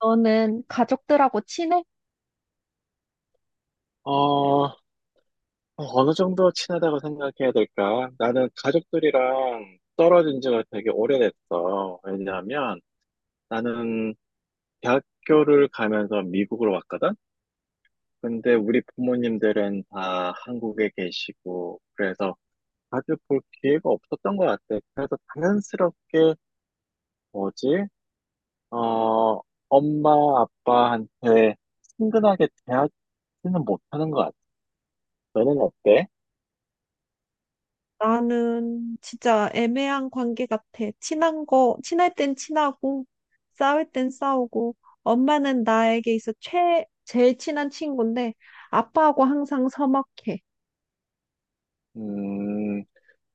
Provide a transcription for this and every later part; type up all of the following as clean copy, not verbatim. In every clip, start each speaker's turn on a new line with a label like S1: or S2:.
S1: 너는 가족들하고 친해?
S2: 어, 어느 정도 친하다고 생각해야 될까? 나는 가족들이랑 떨어진 지가 되게 오래됐어. 왜냐하면 나는 대학교를 가면서 미국으로 왔거든? 근데 우리 부모님들은 다 한국에 계시고, 그래서 자주 볼 기회가 없었던 것 같아. 그래서 자연스럽게 뭐지? 어, 엄마, 아빠한테 친근하게 대하지는 못하는 것 같아. 너는 어때?
S1: 나는 진짜 애매한 관계 같아. 친한 거, 친할 땐 친하고, 싸울 땐 싸우고, 엄마는 나에게 있어 제일 친한 친구인데, 아빠하고 항상 서먹해.
S2: 음,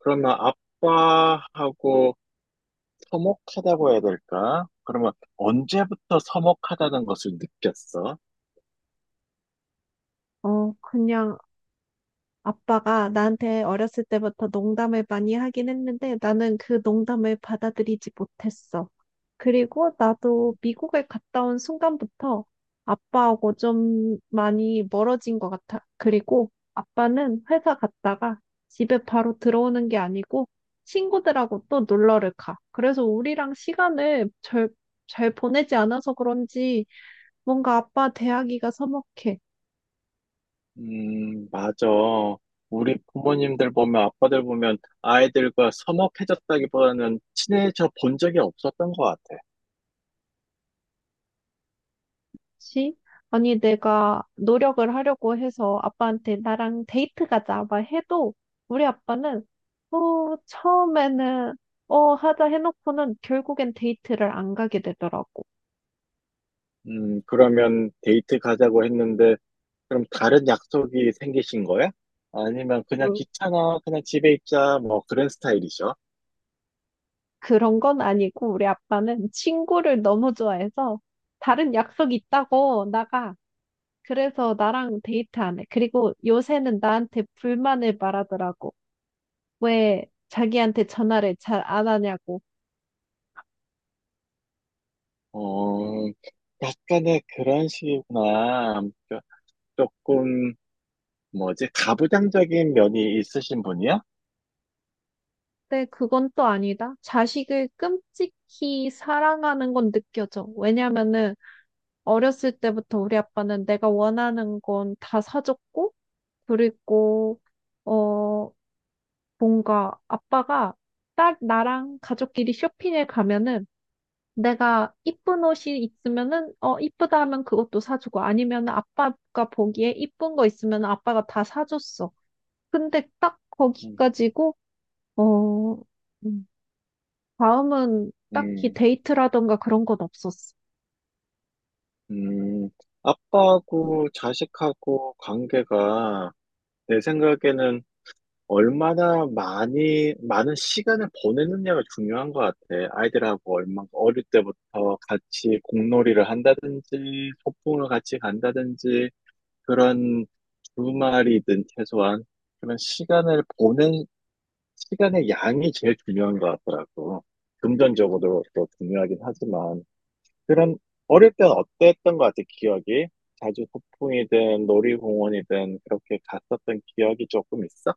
S2: 그러면 아빠하고 서먹하다고 해야 될까? 그러면 언제부터 서먹하다는 것을 느꼈어?
S1: 그냥 아빠가 나한테 어렸을 때부터 농담을 많이 하긴 했는데 나는 그 농담을 받아들이지 못했어. 그리고 나도 미국에 갔다 온 순간부터 아빠하고 좀 많이 멀어진 것 같아. 그리고 아빠는 회사 갔다가 집에 바로 들어오는 게 아니고 친구들하고 또 놀러를 가. 그래서 우리랑 잘 보내지 않아서 그런지 뭔가 아빠 대하기가 서먹해.
S2: 맞아. 우리 부모님들 보면, 아빠들 보면 아이들과 서먹해졌다기보다는 친해져 본 적이 없었던 것 같아.
S1: 그치? 아니, 내가 노력을 하려고 해서 아빠한테 나랑 데이트 가자, 막 해도 우리 아빠는 처음에는 하자 해놓고는 결국엔 데이트를 안 가게 되더라고.
S2: 그러면 데이트 가자고 했는데, 그럼 다른 약속이 생기신 거야? 아니면 그냥
S1: 뭐,
S2: 귀찮아, 그냥 집에 있자, 뭐 그런 스타일이죠.
S1: 그런 건 아니고 우리 아빠는 친구를 너무 좋아해서 다른 약속 있다고 나가. 그래서 나랑 데이트 안 해. 그리고 요새는 나한테 불만을 말하더라고. 왜 자기한테 전화를 잘 안 하냐고.
S2: 어, 약간의 그런 식이구나. 조금 뭐지 가부장적인 면이 있으신 분이야?
S1: 근데 그건 또 아니다. 자식을 끔찍히 사랑하는 건 느껴져. 왜냐면은 어렸을 때부터 우리 아빠는 내가 원하는 건 다 사줬고, 그리고 어 뭔가 아빠가 딸 나랑 가족끼리 쇼핑에 가면은 내가 이쁜 옷이 있으면은 어 이쁘다 하면 그것도 사주고 아니면 아빠가 보기에 이쁜 거 있으면 아빠가 다 사줬어. 근데 딱
S2: 음.
S1: 거기까지고 어. 음. 다음은 딱히
S2: 음,
S1: 데이트라던가 그런 건 없었어.
S2: 음, 아빠하고 자식하고 관계가 내 생각에는 얼마나 많이, 많은 시간을 보내느냐가 중요한 것 같아. 아이들하고 얼마, 어릴 때부터 같이 공놀이를 한다든지, 소풍을 같이 간다든지, 그런 주말이든 최소한 그런 시간을 보낸 시간의 양이 제일 중요한 것 같더라고. 금전적으로도 중요하긴 하지만, 그런, 어릴 땐 어땠던 것 같아, 기억이? 자주 소풍이든 놀이공원이든 그렇게 갔었던 기억이 조금 있어?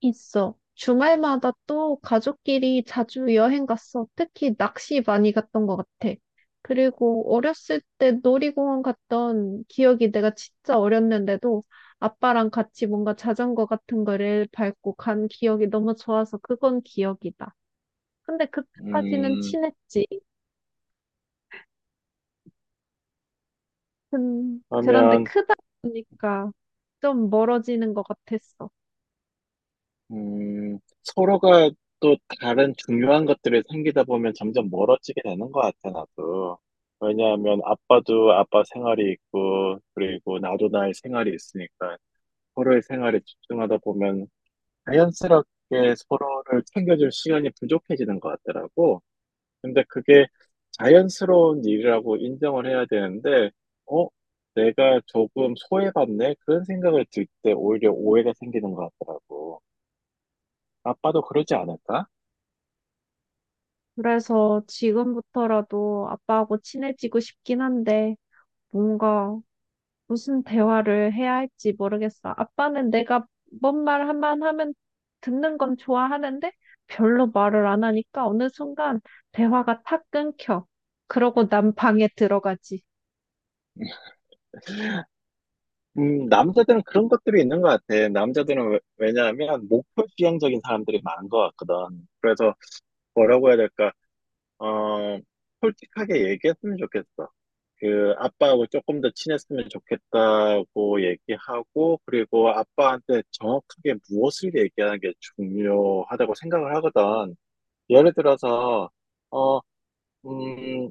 S1: 있어. 주말마다 또 가족끼리 자주 여행 갔어. 특히 낚시 많이 갔던 것 같아. 그리고 어렸을 때 놀이공원 갔던 기억이 내가 진짜 어렸는데도 아빠랑 같이 뭔가 자전거 같은 거를 밟고 간 기억이 너무 좋아서 그건 기억이다. 근데 그때까지는
S2: 음,
S1: 친했지. 그런데
S2: 그러면,
S1: 크다 보니까 좀 멀어지는 것 같았어.
S2: 서로가 또 다른 중요한 것들이 생기다 보면 점점 멀어지게 되는 것 같아, 나도. 왜냐하면 아빠도 아빠 생활이 있고, 그리고 나도 나의 생활이 있으니까 서로의 생활에 집중하다 보면 자연스럽게 서로를 챙겨줄 시간이 부족해지는 것 같더라고. 근데 그게 자연스러운 일이라고 인정을 해야 되는데, 어? 내가 조금 소외받네? 그런 생각을 들 때 오히려 오해가 생기는 것 같더라고. 아빠도 그러지 않을까?
S1: 그래서 지금부터라도 아빠하고 친해지고 싶긴 한데, 뭔가 무슨 대화를 해야 할지 모르겠어. 아빠는 내가 뭔 말 한 번 하면 듣는 건 좋아하는데, 별로 말을 안 하니까 어느 순간 대화가 탁 끊겨. 그러고 난 방에 들어가지.
S2: 남자들은 그런 것들이 있는 것 같아. 남자들은 왜, 왜냐하면 목표 지향적인 사람들이 많은 것 같거든. 그래서 뭐라고 해야 될까? 어, 솔직하게 얘기했으면 좋겠어. 그 아빠하고 조금 더 친했으면 좋겠다고 얘기하고 그리고 아빠한테 정확하게 무엇을 얘기하는 게 중요하다고 생각을 하거든. 예를 들어서 어, 음,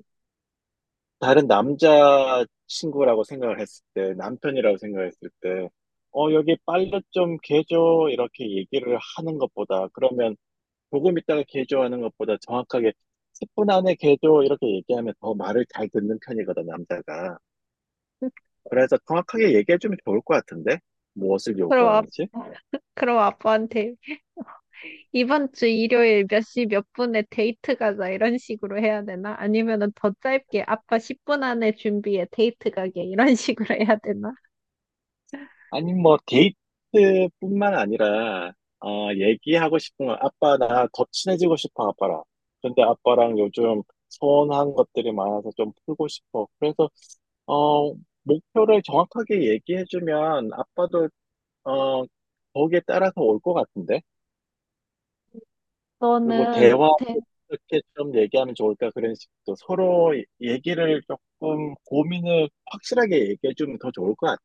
S2: 다른 남자 친구라고 생각을 했을 때, 남편이라고 생각했을 때, 어, 여기 빨래 좀 개줘 이렇게 얘기를 하는 것보다 그러면 조금 있다가 개조하는 것보다 정확하게 10분 안에 개조 이렇게 얘기하면 더 말을 잘 듣는 편이거든, 남자가. 그래서 정확하게 얘기해주면 좋을 것 같은데? 무엇을
S1: 그럼, 아,
S2: 요구하는지?
S1: 그럼 아빠한테 이번 주 일요일 몇시 몇 분에 데이트 가자 이런 식으로 해야 되나? 아니면은 더 짧게 아빠 10분 안에 준비해 데이트 가게 이런 식으로 해야 되나?
S2: 아니, 뭐, 데이트뿐만 아니라, 어, 얘기하고 싶은 건, 아빠, 나 더 친해지고 싶어, 아빠랑. 근데 아빠랑 요즘 서운한 것들이 많아서 좀 풀고 싶어. 그래서, 어, 목표를 정확하게 얘기해주면, 아빠도, 어, 거기에 따라서 올 것 같은데? 그리고
S1: 너는
S2: 대화
S1: 데-
S2: 어떻게 좀 얘기하면 좋을까 그런 식으로 서로 얘기를 조금 고민을 확실하게 얘기해 주면 더 좋을 것 같아.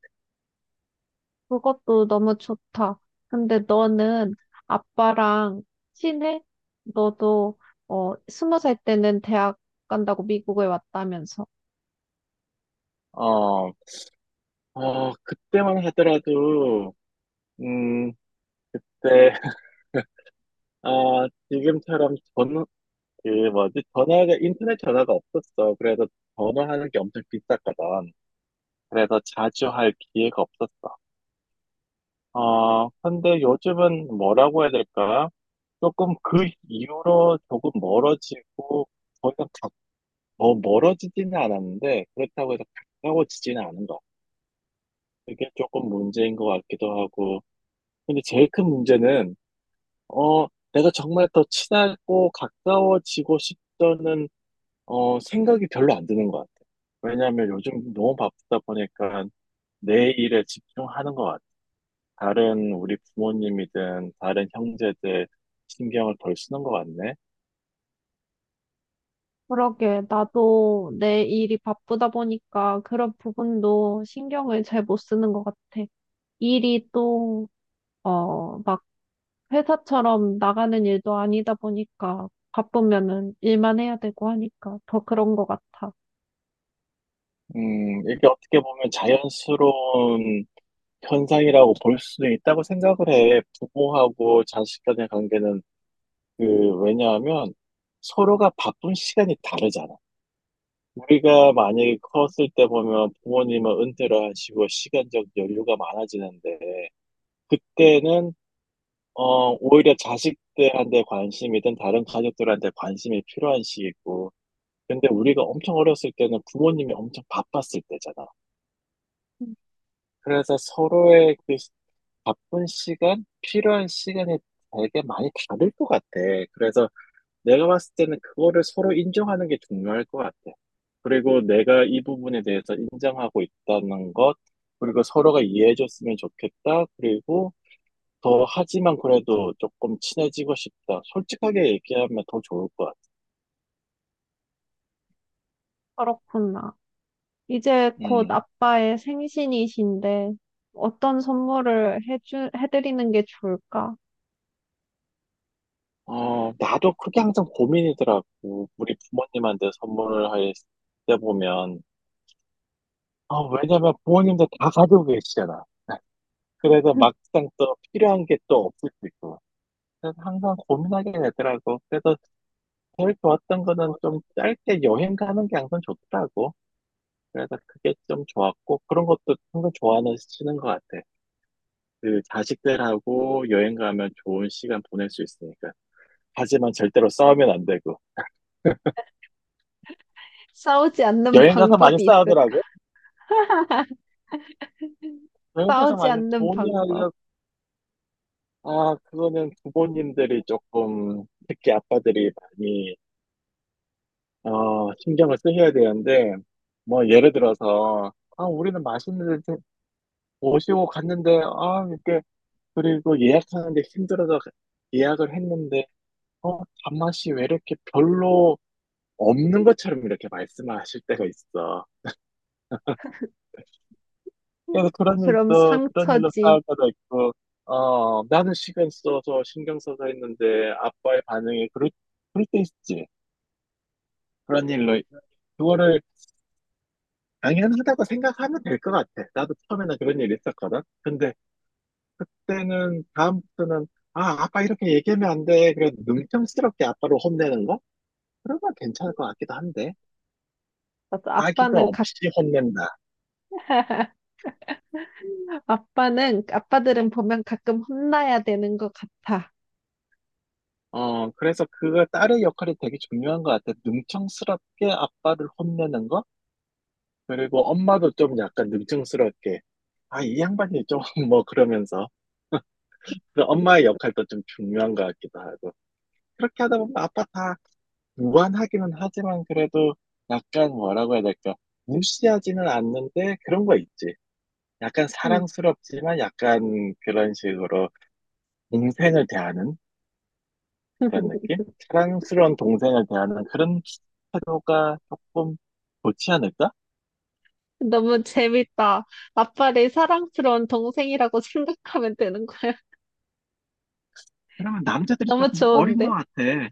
S1: 그것도 너무 좋다. 근데 너는 아빠랑 친해? 너도 20살 때는 대학 간다고 미국에 왔다면서.
S2: 어, 어, 그때만 하더라도 음, 네, 아, 지금처럼 전, 그 뭐지 전화가 인터넷 전화가 없었어. 그래서 전화하는 게 엄청 비쌌거든. 그래서 자주 할 기회가 없었어. 어, 근데 요즘은 뭐라고 해야 될까? 조금 그 이후로 조금 멀어지고 더 이상 더 멀어지지는 않았는데 그렇다고 해서 가까워지지는 않은 것 같아요. 그게 조금 문제인 것 같기도 하고 근데 제일 큰 문제는 어 내가 정말 더 친하고 가까워지고 싶다는 생각이 별로 안 드는 것 같아요. 왜냐하면 요즘 너무 바쁘다 보니까 내 일에 집중하는 것 같아요. 다른 우리 부모님이든 다른 형제들 신경을 덜 쓰는 것 같네.
S1: 그러게, 나도 내 일이 바쁘다 보니까 그런 부분도 신경을 잘 못 쓰는 것 같아. 일이 또, 어, 막 회사처럼 나가는 일도 아니다 보니까 바쁘면은 일만 해야 되고 하니까 더 그런 것 같아.
S2: 이게 어떻게 보면 자연스러운 현상이라고 볼 수도 있다고 생각을 해. 부모하고 자식 간의 관계는 그 왜냐하면 서로가 바쁜 시간이 다르잖아. 우리가 만약에 컸을 때 보면 부모님은 은퇴를 하시고 시간적 여유가 많아지는데 그때는 오히려 자식들한테 관심이든 다른 가족들한테 관심이 필요한 시기고 근데 우리가 엄청 어렸을 때는 부모님이 엄청 바빴을 때잖아.
S1: 음,
S2: 그래서 바쁜 시간, 필요한 시간이 되게 많이 다를 것 같아. 그래서 내가 봤을 때는 그거를 서로 인정하는 게 중요할 것 같아. 그리고 내가 이 부분에 대해서 인정하고 있다는 것, 그리고 서로가 이해해줬으면 좋겠다. 그리고 더 하지만 그래도 조금 친해지고 싶다. 솔직하게 얘기하면 더 좋을 것 같아.
S1: 그렇구나. 이제 곧
S2: 음.
S1: 아빠의 생신이신데 어떤 해드리는 게 좋을까?
S2: 어, 나도 그게 항상 고민이더라고. 우리 부모님한테 선물을 할 때 보면. 아, 왜냐면 부모님들 다 가지고 계시잖아. 그래서 막상 또 필요한 게 또 없을 수 있고. 그래서 항상 고민하게 되더라고. 그래서 제일 좋았던 거는 좀 짧게 여행 가는 게 항상 좋더라고. 그래서 그게 좀 좋았고, 그런 것도 항상 좋아하시는 것 같아. 그 자식들하고 여행 가면 좋은 시간 보낼 수 있으니까. 하지만 절대로 싸우면 안 되고.
S1: 싸우지 않는
S2: 여행 가서 많이
S1: 방법이 있을까?
S2: 싸우더라고. 여행 가서
S1: 싸우지
S2: 많이
S1: 않는
S2: 좋은 일
S1: 방법.
S2: 하려고. 아, 그거는 부모님들이 조금, 특히 아빠들이 많이 어, 신경을 쓰셔야 되는데, 뭐, 예를 들어서, 아, 우리는 맛있는 데 모시고 갔는데, 아, 이렇게, 그리고 예약하는데 힘들어서 예약을 했는데, 어, 단맛이 왜 이렇게 별로 없는 것처럼 이렇게 말씀하실 때가 있어. 그래서 그런
S1: 그럼
S2: 일도, 그런 일로
S1: 상처지.
S2: 싸울 때도 있고, 어, 나는 시간 써서 신경 써서 했는데, 그럴 때 있지. 그런 일로, 그거를 당연하다고 생각하면 될 것 같아. 나도 처음에는 그런 일이 있었거든. 근데 그때는 다음부터는 아, 아빠 이렇게 얘기하면 안 돼. 그래도 능청스럽게 아빠를 혼내는 거? 그러면 괜찮을 것 같기도 한데.
S1: 맞아,
S2: 아기가
S1: 아빠는 각,
S2: 없이 혼낸다.
S1: 아빠들은 보면 가끔 혼나야 되는 것 같아.
S2: 어, 그래서 그거 딸의 역할이 되게 중요한 것 같아. 능청스럽게 아빠를 혼내는 거? 그리고 엄마도 좀 약간 능청스럽게. 아, 이 양반이 좀 뭐 그러면서. 그 엄마의 역할도 좀 중요한 것 같기도 하고. 그렇게 하다 보면 아빠 다 무한하기는 하지만 그래도 약간 뭐라고 해야 될까? 무시하지는 않는데 그런 거 있지. 약간
S1: 응.
S2: 사랑스럽지만 약간 그런 식으로 동생을 대하는 그런 느낌? 사랑스러운 동생을 대하는 그런 태도가 조금 좋지 않을까?
S1: 너무 재밌다. 아빠를 사랑스러운 동생이라고 생각하면 되는 거야.
S2: 그러면 남자들이
S1: 너무
S2: 조금 어린 것
S1: 좋은데?
S2: 같아.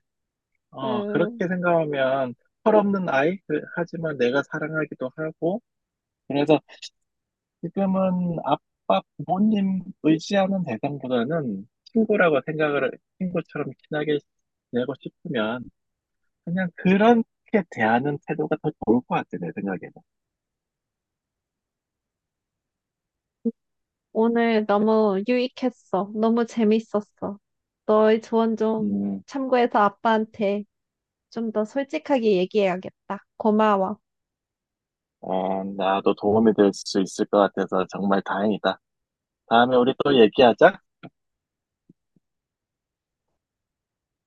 S2: 어,
S1: 음,
S2: 그렇게 생각하면 철없는 아이? 그- 하지만 내가 사랑하기도 하고 그래서 지금은 아빠 부모님 의지하는 대상보다는 친구라고 생각을, 친구처럼 친하게 지내고 싶으면 그냥 그렇게 대하는 태도가 더 좋을 것 같아, 내 생각에는.
S1: 오늘 너무 유익했어. 너무 재밌었어. 너의 조언 좀
S2: 음,
S1: 참고해서 아빠한테 좀 더 솔직하게 얘기해야겠다. 고마워.
S2: 어, 나도 도움이 될 수 있을 것 같아서 정말 다행이다. 다음에 우리 또 얘기하자.